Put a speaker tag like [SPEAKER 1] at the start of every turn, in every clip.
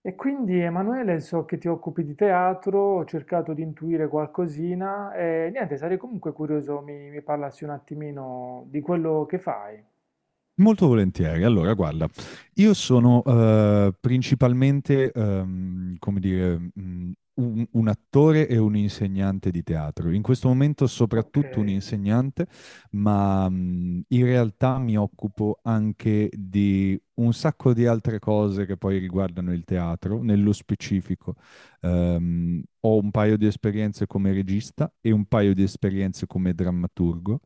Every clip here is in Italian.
[SPEAKER 1] E quindi Emanuele, so che ti occupi di teatro, ho cercato di intuire qualcosina e niente, sarei comunque curioso, mi parlassi un attimino di quello che fai.
[SPEAKER 2] Molto volentieri. Allora, guarda, io sono principalmente, come dire, un attore e un insegnante di teatro. In questo momento
[SPEAKER 1] Ok.
[SPEAKER 2] soprattutto un insegnante, ma in realtà mi occupo anche di un sacco di altre cose che poi riguardano il teatro, nello specifico. Ho un paio di esperienze come regista e un paio di esperienze come drammaturgo,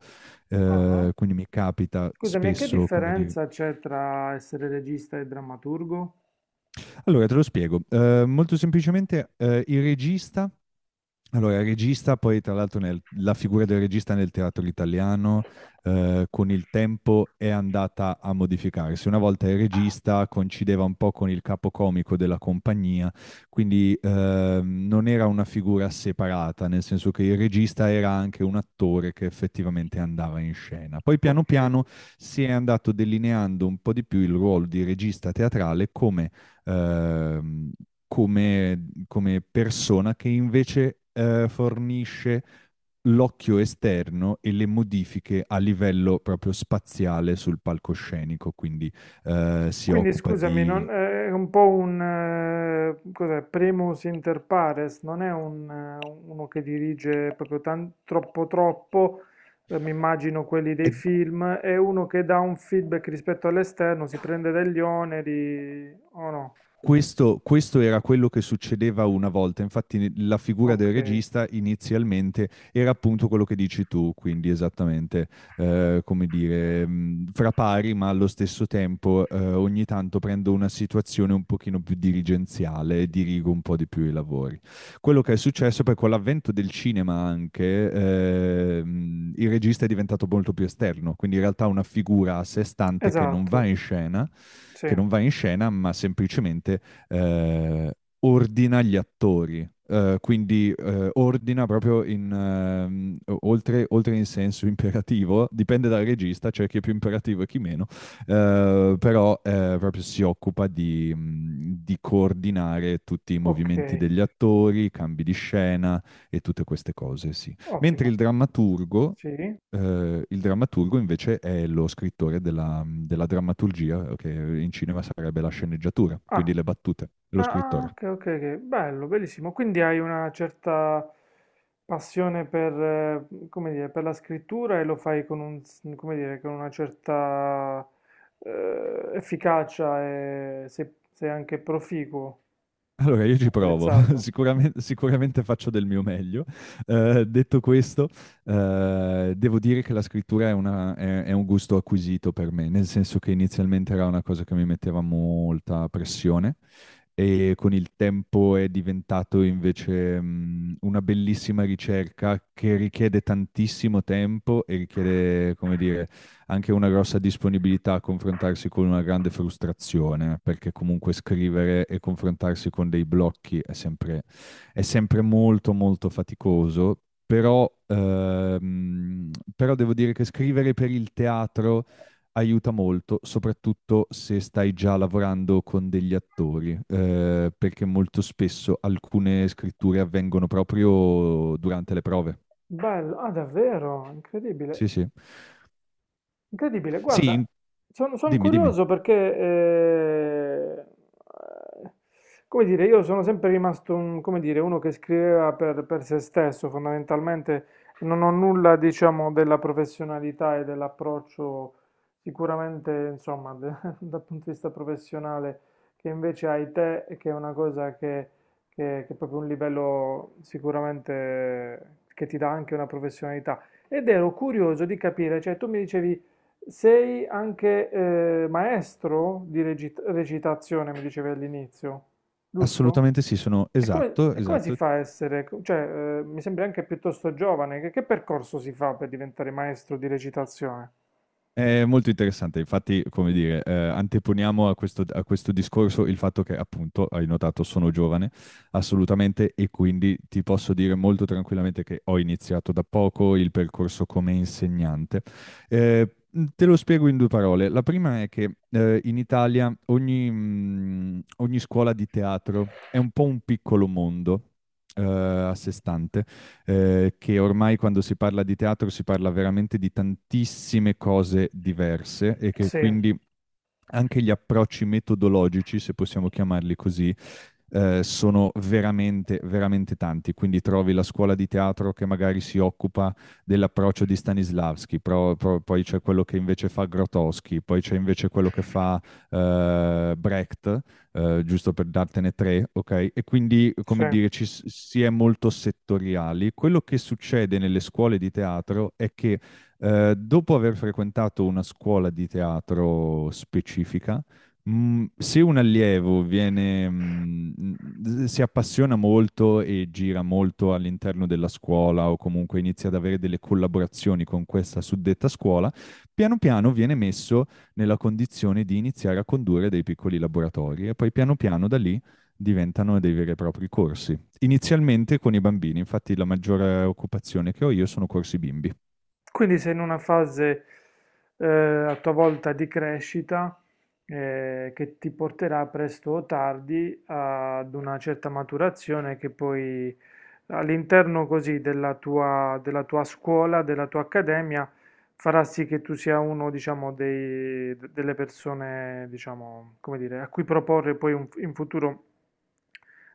[SPEAKER 1] Ah.
[SPEAKER 2] quindi mi capita
[SPEAKER 1] Scusami, e che
[SPEAKER 2] spesso, come dire.
[SPEAKER 1] differenza c'è tra essere regista e drammaturgo?
[SPEAKER 2] Allora, te lo spiego. Molto semplicemente, il regista, allora, il regista, poi tra l'altro la figura del regista nel teatro italiano, con il tempo è andata a modificarsi. Una volta il regista coincideva un po' con il capocomico della compagnia, quindi non era una figura separata, nel senso che il regista era anche un attore che effettivamente andava in scena. Poi piano
[SPEAKER 1] Ok.
[SPEAKER 2] piano si è andato delineando un po' di più il ruolo di regista teatrale come ehm, come, come persona che invece fornisce l'occhio esterno e le modifiche a livello proprio spaziale sul palcoscenico, quindi si
[SPEAKER 1] Quindi
[SPEAKER 2] occupa
[SPEAKER 1] scusami,
[SPEAKER 2] di...
[SPEAKER 1] è un po' cos'è, primus inter pares, non è uno che dirige proprio troppo troppo, mi immagino quelli dei
[SPEAKER 2] è-
[SPEAKER 1] film, è uno che dà un feedback rispetto all'esterno, si prende degli oneri o no?
[SPEAKER 2] Questo, questo era quello che succedeva una volta, infatti la figura del
[SPEAKER 1] Ok,
[SPEAKER 2] regista inizialmente era appunto quello che dici tu, quindi esattamente, come dire, fra pari, ma allo stesso tempo ogni tanto prendo una situazione un pochino più dirigenziale e dirigo un po' di più i lavori. Quello che è successo poi con l'avvento del cinema anche, il regista è diventato molto più esterno, quindi in realtà una figura a sé stante che non va
[SPEAKER 1] esatto,
[SPEAKER 2] in scena,
[SPEAKER 1] sì,
[SPEAKER 2] ma semplicemente eh, ordina gli attori. Quindi ordina proprio in, oltre in senso imperativo, dipende dal regista, c'è cioè chi è più imperativo e chi meno, però proprio si occupa di coordinare tutti i
[SPEAKER 1] ok,
[SPEAKER 2] movimenti degli attori, i cambi di scena e tutte queste cose, sì. Mentre il
[SPEAKER 1] ottimo,
[SPEAKER 2] drammaturgo,
[SPEAKER 1] sì.
[SPEAKER 2] il drammaturgo invece è lo scrittore della, della drammaturgia, che in cinema sarebbe la sceneggiatura,
[SPEAKER 1] Ah,
[SPEAKER 2] quindi le battute, lo
[SPEAKER 1] ah, ah,
[SPEAKER 2] scrittore.
[SPEAKER 1] ok, ok, ok, bello, bellissimo. Quindi hai una certa passione per, come dire, per la scrittura e lo fai con come dire, con una certa efficacia e sei anche proficuo,
[SPEAKER 2] Allora, io ci provo,
[SPEAKER 1] apprezzato.
[SPEAKER 2] sicuramente, sicuramente faccio del mio meglio. Detto questo, devo dire che la scrittura è, è un gusto acquisito per me, nel senso che inizialmente era una cosa che mi metteva molta pressione e con il tempo è diventato invece, una bellissima ricerca che richiede tantissimo tempo e richiede, come dire, anche una grossa disponibilità a confrontarsi con una grande frustrazione, perché comunque scrivere e confrontarsi con dei blocchi è sempre molto molto faticoso, però, però devo dire che scrivere per il teatro aiuta molto, soprattutto se stai già lavorando con degli attori, perché molto spesso alcune scritture avvengono proprio durante le prove.
[SPEAKER 1] Bello, ah, davvero,
[SPEAKER 2] Sì,
[SPEAKER 1] incredibile.
[SPEAKER 2] sì.
[SPEAKER 1] Incredibile,
[SPEAKER 2] Sì,
[SPEAKER 1] guarda, son
[SPEAKER 2] dimmi, dimmi.
[SPEAKER 1] curioso perché, come dire, io sono sempre rimasto come dire, uno che scriveva per se stesso, fondamentalmente non ho nulla, diciamo, della professionalità e dell'approccio sicuramente, insomma, dal punto di vista professionale che invece hai te, e che è una cosa che, che è proprio un livello sicuramente che ti dà anche una professionalità. Ed ero curioso di capire, cioè tu mi dicevi... Sei anche maestro di recitazione, mi dicevi all'inizio, giusto?
[SPEAKER 2] Assolutamente sì, sono esatto,
[SPEAKER 1] E come si
[SPEAKER 2] esatto.
[SPEAKER 1] fa a essere, cioè, mi sembri anche piuttosto giovane, che percorso si fa per diventare maestro di recitazione?
[SPEAKER 2] È molto interessante, infatti, come dire, anteponiamo a questo discorso il fatto che, appunto, hai notato, sono giovane, assolutamente, e quindi ti posso dire molto tranquillamente che ho iniziato da poco il percorso come insegnante. Eh, te lo spiego in due parole. La prima è che in Italia ogni, ogni scuola di teatro è un po' un piccolo mondo a sé stante. Che ormai quando si parla di teatro si parla veramente di tantissime cose diverse e che
[SPEAKER 1] Sì,
[SPEAKER 2] quindi anche gli approcci metodologici, se possiamo chiamarli così, sono veramente, veramente tanti. Quindi trovi la scuola di teatro che magari si occupa dell'approccio di Stanislavski, poi c'è quello che invece fa Grotowski, poi c'è invece quello che fa Brecht, giusto per dartene tre, ok? E quindi,
[SPEAKER 1] sì.
[SPEAKER 2] come dire, si è molto settoriali. Quello che succede nelle scuole di teatro è che dopo aver frequentato una scuola di teatro specifica, se un allievo viene, si appassiona molto e gira molto all'interno della scuola o comunque inizia ad avere delle collaborazioni con questa suddetta scuola, piano piano viene messo nella condizione di iniziare a condurre dei piccoli laboratori e poi piano piano da lì diventano dei veri e propri corsi. Inizialmente con i bambini, infatti la maggiore occupazione che ho io sono corsi bimbi.
[SPEAKER 1] Quindi sei in una fase a tua volta di crescita che ti porterà presto o tardi ad una certa maturazione che poi all'interno così della tua scuola, della tua accademia, farà sì che tu sia uno, diciamo, delle persone, diciamo, come dire, a cui proporre poi in futuro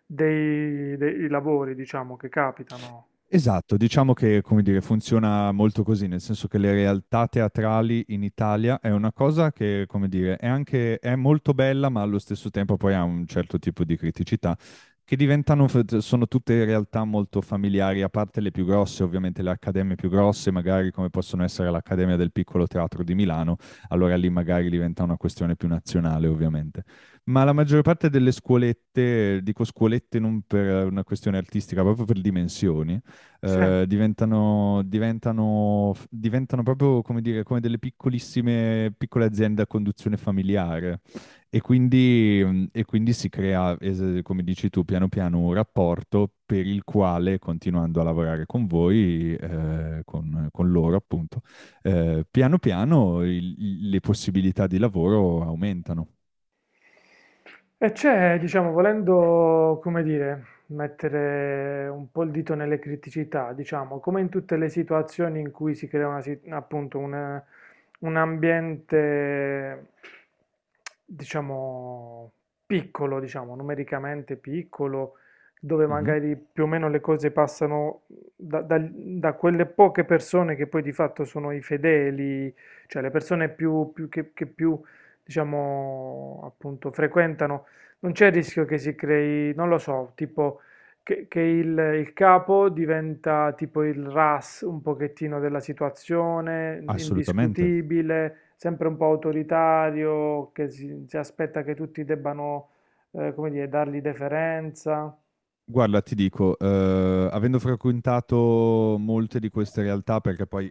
[SPEAKER 1] dei lavori, diciamo, che capitano.
[SPEAKER 2] Esatto, diciamo che, come dire, funziona molto così, nel senso che le realtà teatrali in Italia è una cosa che, come dire, è anche, è molto bella, ma allo stesso tempo poi ha un certo tipo di criticità, che diventano, sono tutte realtà molto familiari, a parte le più grosse, ovviamente le accademie più grosse, magari come possono essere l'Accademia del Piccolo Teatro di Milano, allora lì magari diventa una questione più nazionale, ovviamente. Ma la maggior parte delle scuolette, dico scuolette non per una questione artistica, proprio per dimensioni,
[SPEAKER 1] Sì.
[SPEAKER 2] diventano proprio come dire, come delle piccolissime, piccole aziende a conduzione familiare. E quindi, e quindi si crea, come dici tu, piano piano un rapporto per il quale, continuando a lavorare con voi, con loro appunto, piano piano le possibilità di lavoro aumentano.
[SPEAKER 1] E c'è, diciamo, volendo, come dire, mettere un po' il dito nelle criticità, diciamo, come in tutte le situazioni in cui si crea appunto un ambiente, diciamo, piccolo, diciamo, numericamente piccolo, dove
[SPEAKER 2] Mhm.
[SPEAKER 1] magari più o meno le cose passano da, da quelle poche persone che poi di fatto sono i fedeli, cioè le persone più, più che più diciamo, appunto, frequentano, non c'è il rischio che si crei, non lo so, tipo che il capo diventa tipo il RAS un pochettino della situazione,
[SPEAKER 2] Assolutamente.
[SPEAKER 1] indiscutibile, sempre un po' autoritario, che si aspetta che tutti debbano, come dire, dargli deferenza.
[SPEAKER 2] Guarda, ti dico, avendo frequentato molte di queste realtà, perché poi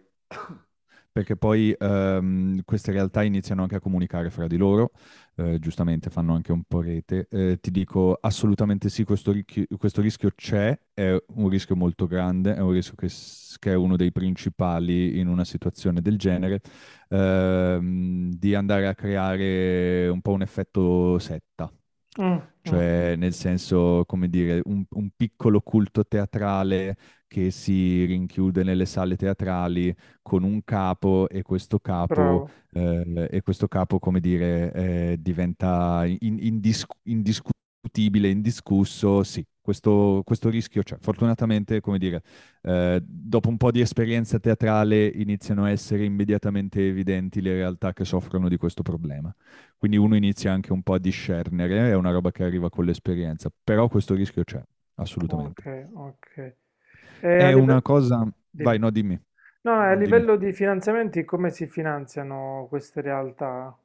[SPEAKER 2] queste realtà iniziano anche a comunicare fra di loro, giustamente fanno anche un po' rete. Ti dico assolutamente sì, questo, questo rischio c'è, è un rischio molto grande, è un rischio che, che è uno dei principali in una situazione del genere, di andare a creare un po' un effetto setta.
[SPEAKER 1] Mm, mm,
[SPEAKER 2] Cioè, nel senso, come dire, un piccolo culto teatrale che si rinchiude nelle sale teatrali con un capo e questo capo,
[SPEAKER 1] bravo,
[SPEAKER 2] come dire, diventa indiscutibile, indiscusso, sì. Questo rischio c'è. Fortunatamente, come dire, dopo un po' di esperienza teatrale iniziano a essere immediatamente evidenti le realtà che soffrono di questo problema. Quindi uno inizia anche un po' a discernere, è una roba che arriva con l'esperienza, però questo rischio c'è, assolutamente.
[SPEAKER 1] ok, ok. E a
[SPEAKER 2] È una
[SPEAKER 1] livello...
[SPEAKER 2] cosa... Vai,
[SPEAKER 1] Dimmi.
[SPEAKER 2] no, dimmi.
[SPEAKER 1] No,
[SPEAKER 2] No,
[SPEAKER 1] a
[SPEAKER 2] no, dimmi.
[SPEAKER 1] livello di finanziamenti, come si finanziano queste realtà?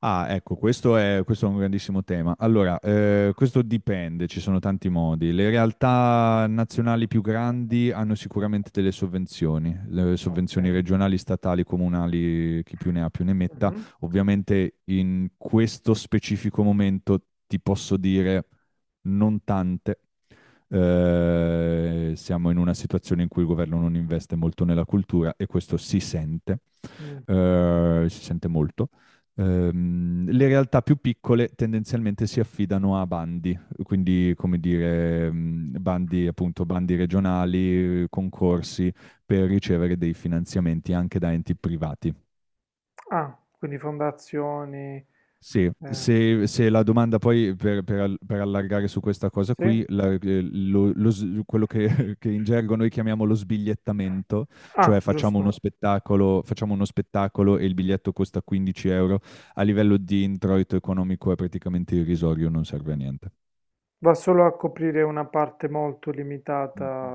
[SPEAKER 2] Ah, ecco, questo è un grandissimo tema. Allora, questo dipende, ci sono tanti modi. Le realtà nazionali più grandi hanno sicuramente delle sovvenzioni, le sovvenzioni
[SPEAKER 1] Ok.
[SPEAKER 2] regionali, statali, comunali, chi più ne ha più ne metta.
[SPEAKER 1] Mhm.
[SPEAKER 2] Ovviamente in questo specifico momento ti posso dire non tante. Siamo in una situazione in cui il governo non investe molto nella cultura e questo si sente,
[SPEAKER 1] Mm.
[SPEAKER 2] si sente molto. Le realtà più piccole tendenzialmente si affidano a bandi, quindi come dire, bandi appunto, bandi regionali, concorsi per ricevere dei finanziamenti anche da enti privati.
[SPEAKER 1] Ah, quindi fondazioni.
[SPEAKER 2] Sì,
[SPEAKER 1] Eh,
[SPEAKER 2] se, se la domanda poi per, per allargare su questa cosa
[SPEAKER 1] sì?
[SPEAKER 2] qui, quello che, che in gergo noi chiamiamo lo sbigliettamento, cioè
[SPEAKER 1] Ah, giusto.
[SPEAKER 2] facciamo uno spettacolo e il biglietto costa 15 euro, a livello di introito economico è praticamente irrisorio, non serve a niente.
[SPEAKER 1] Va solo a coprire una parte molto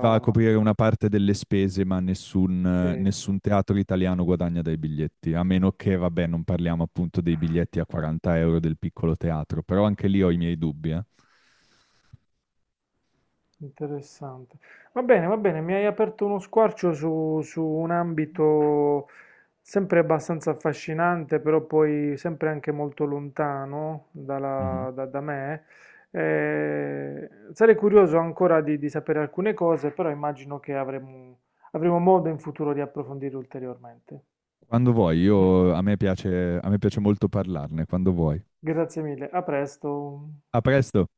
[SPEAKER 2] Va a coprire una parte delle spese, ma nessun,
[SPEAKER 1] Ok.
[SPEAKER 2] nessun teatro italiano guadagna dai biglietti, a meno che, vabbè, non parliamo appunto dei biglietti a 40 euro del piccolo teatro, però anche lì ho i miei dubbi, eh.
[SPEAKER 1] Interessante. Va bene, mi hai aperto uno squarcio su, su un ambito sempre abbastanza affascinante, però poi sempre anche molto lontano
[SPEAKER 2] Mhm.
[SPEAKER 1] da, da me. Eh, sarei curioso ancora di sapere alcune cose, però immagino che avremo, avremo modo in futuro di approfondire ulteriormente.
[SPEAKER 2] Quando vuoi, io, a me piace molto parlarne, quando vuoi.
[SPEAKER 1] Grazie mille, a presto.
[SPEAKER 2] A presto!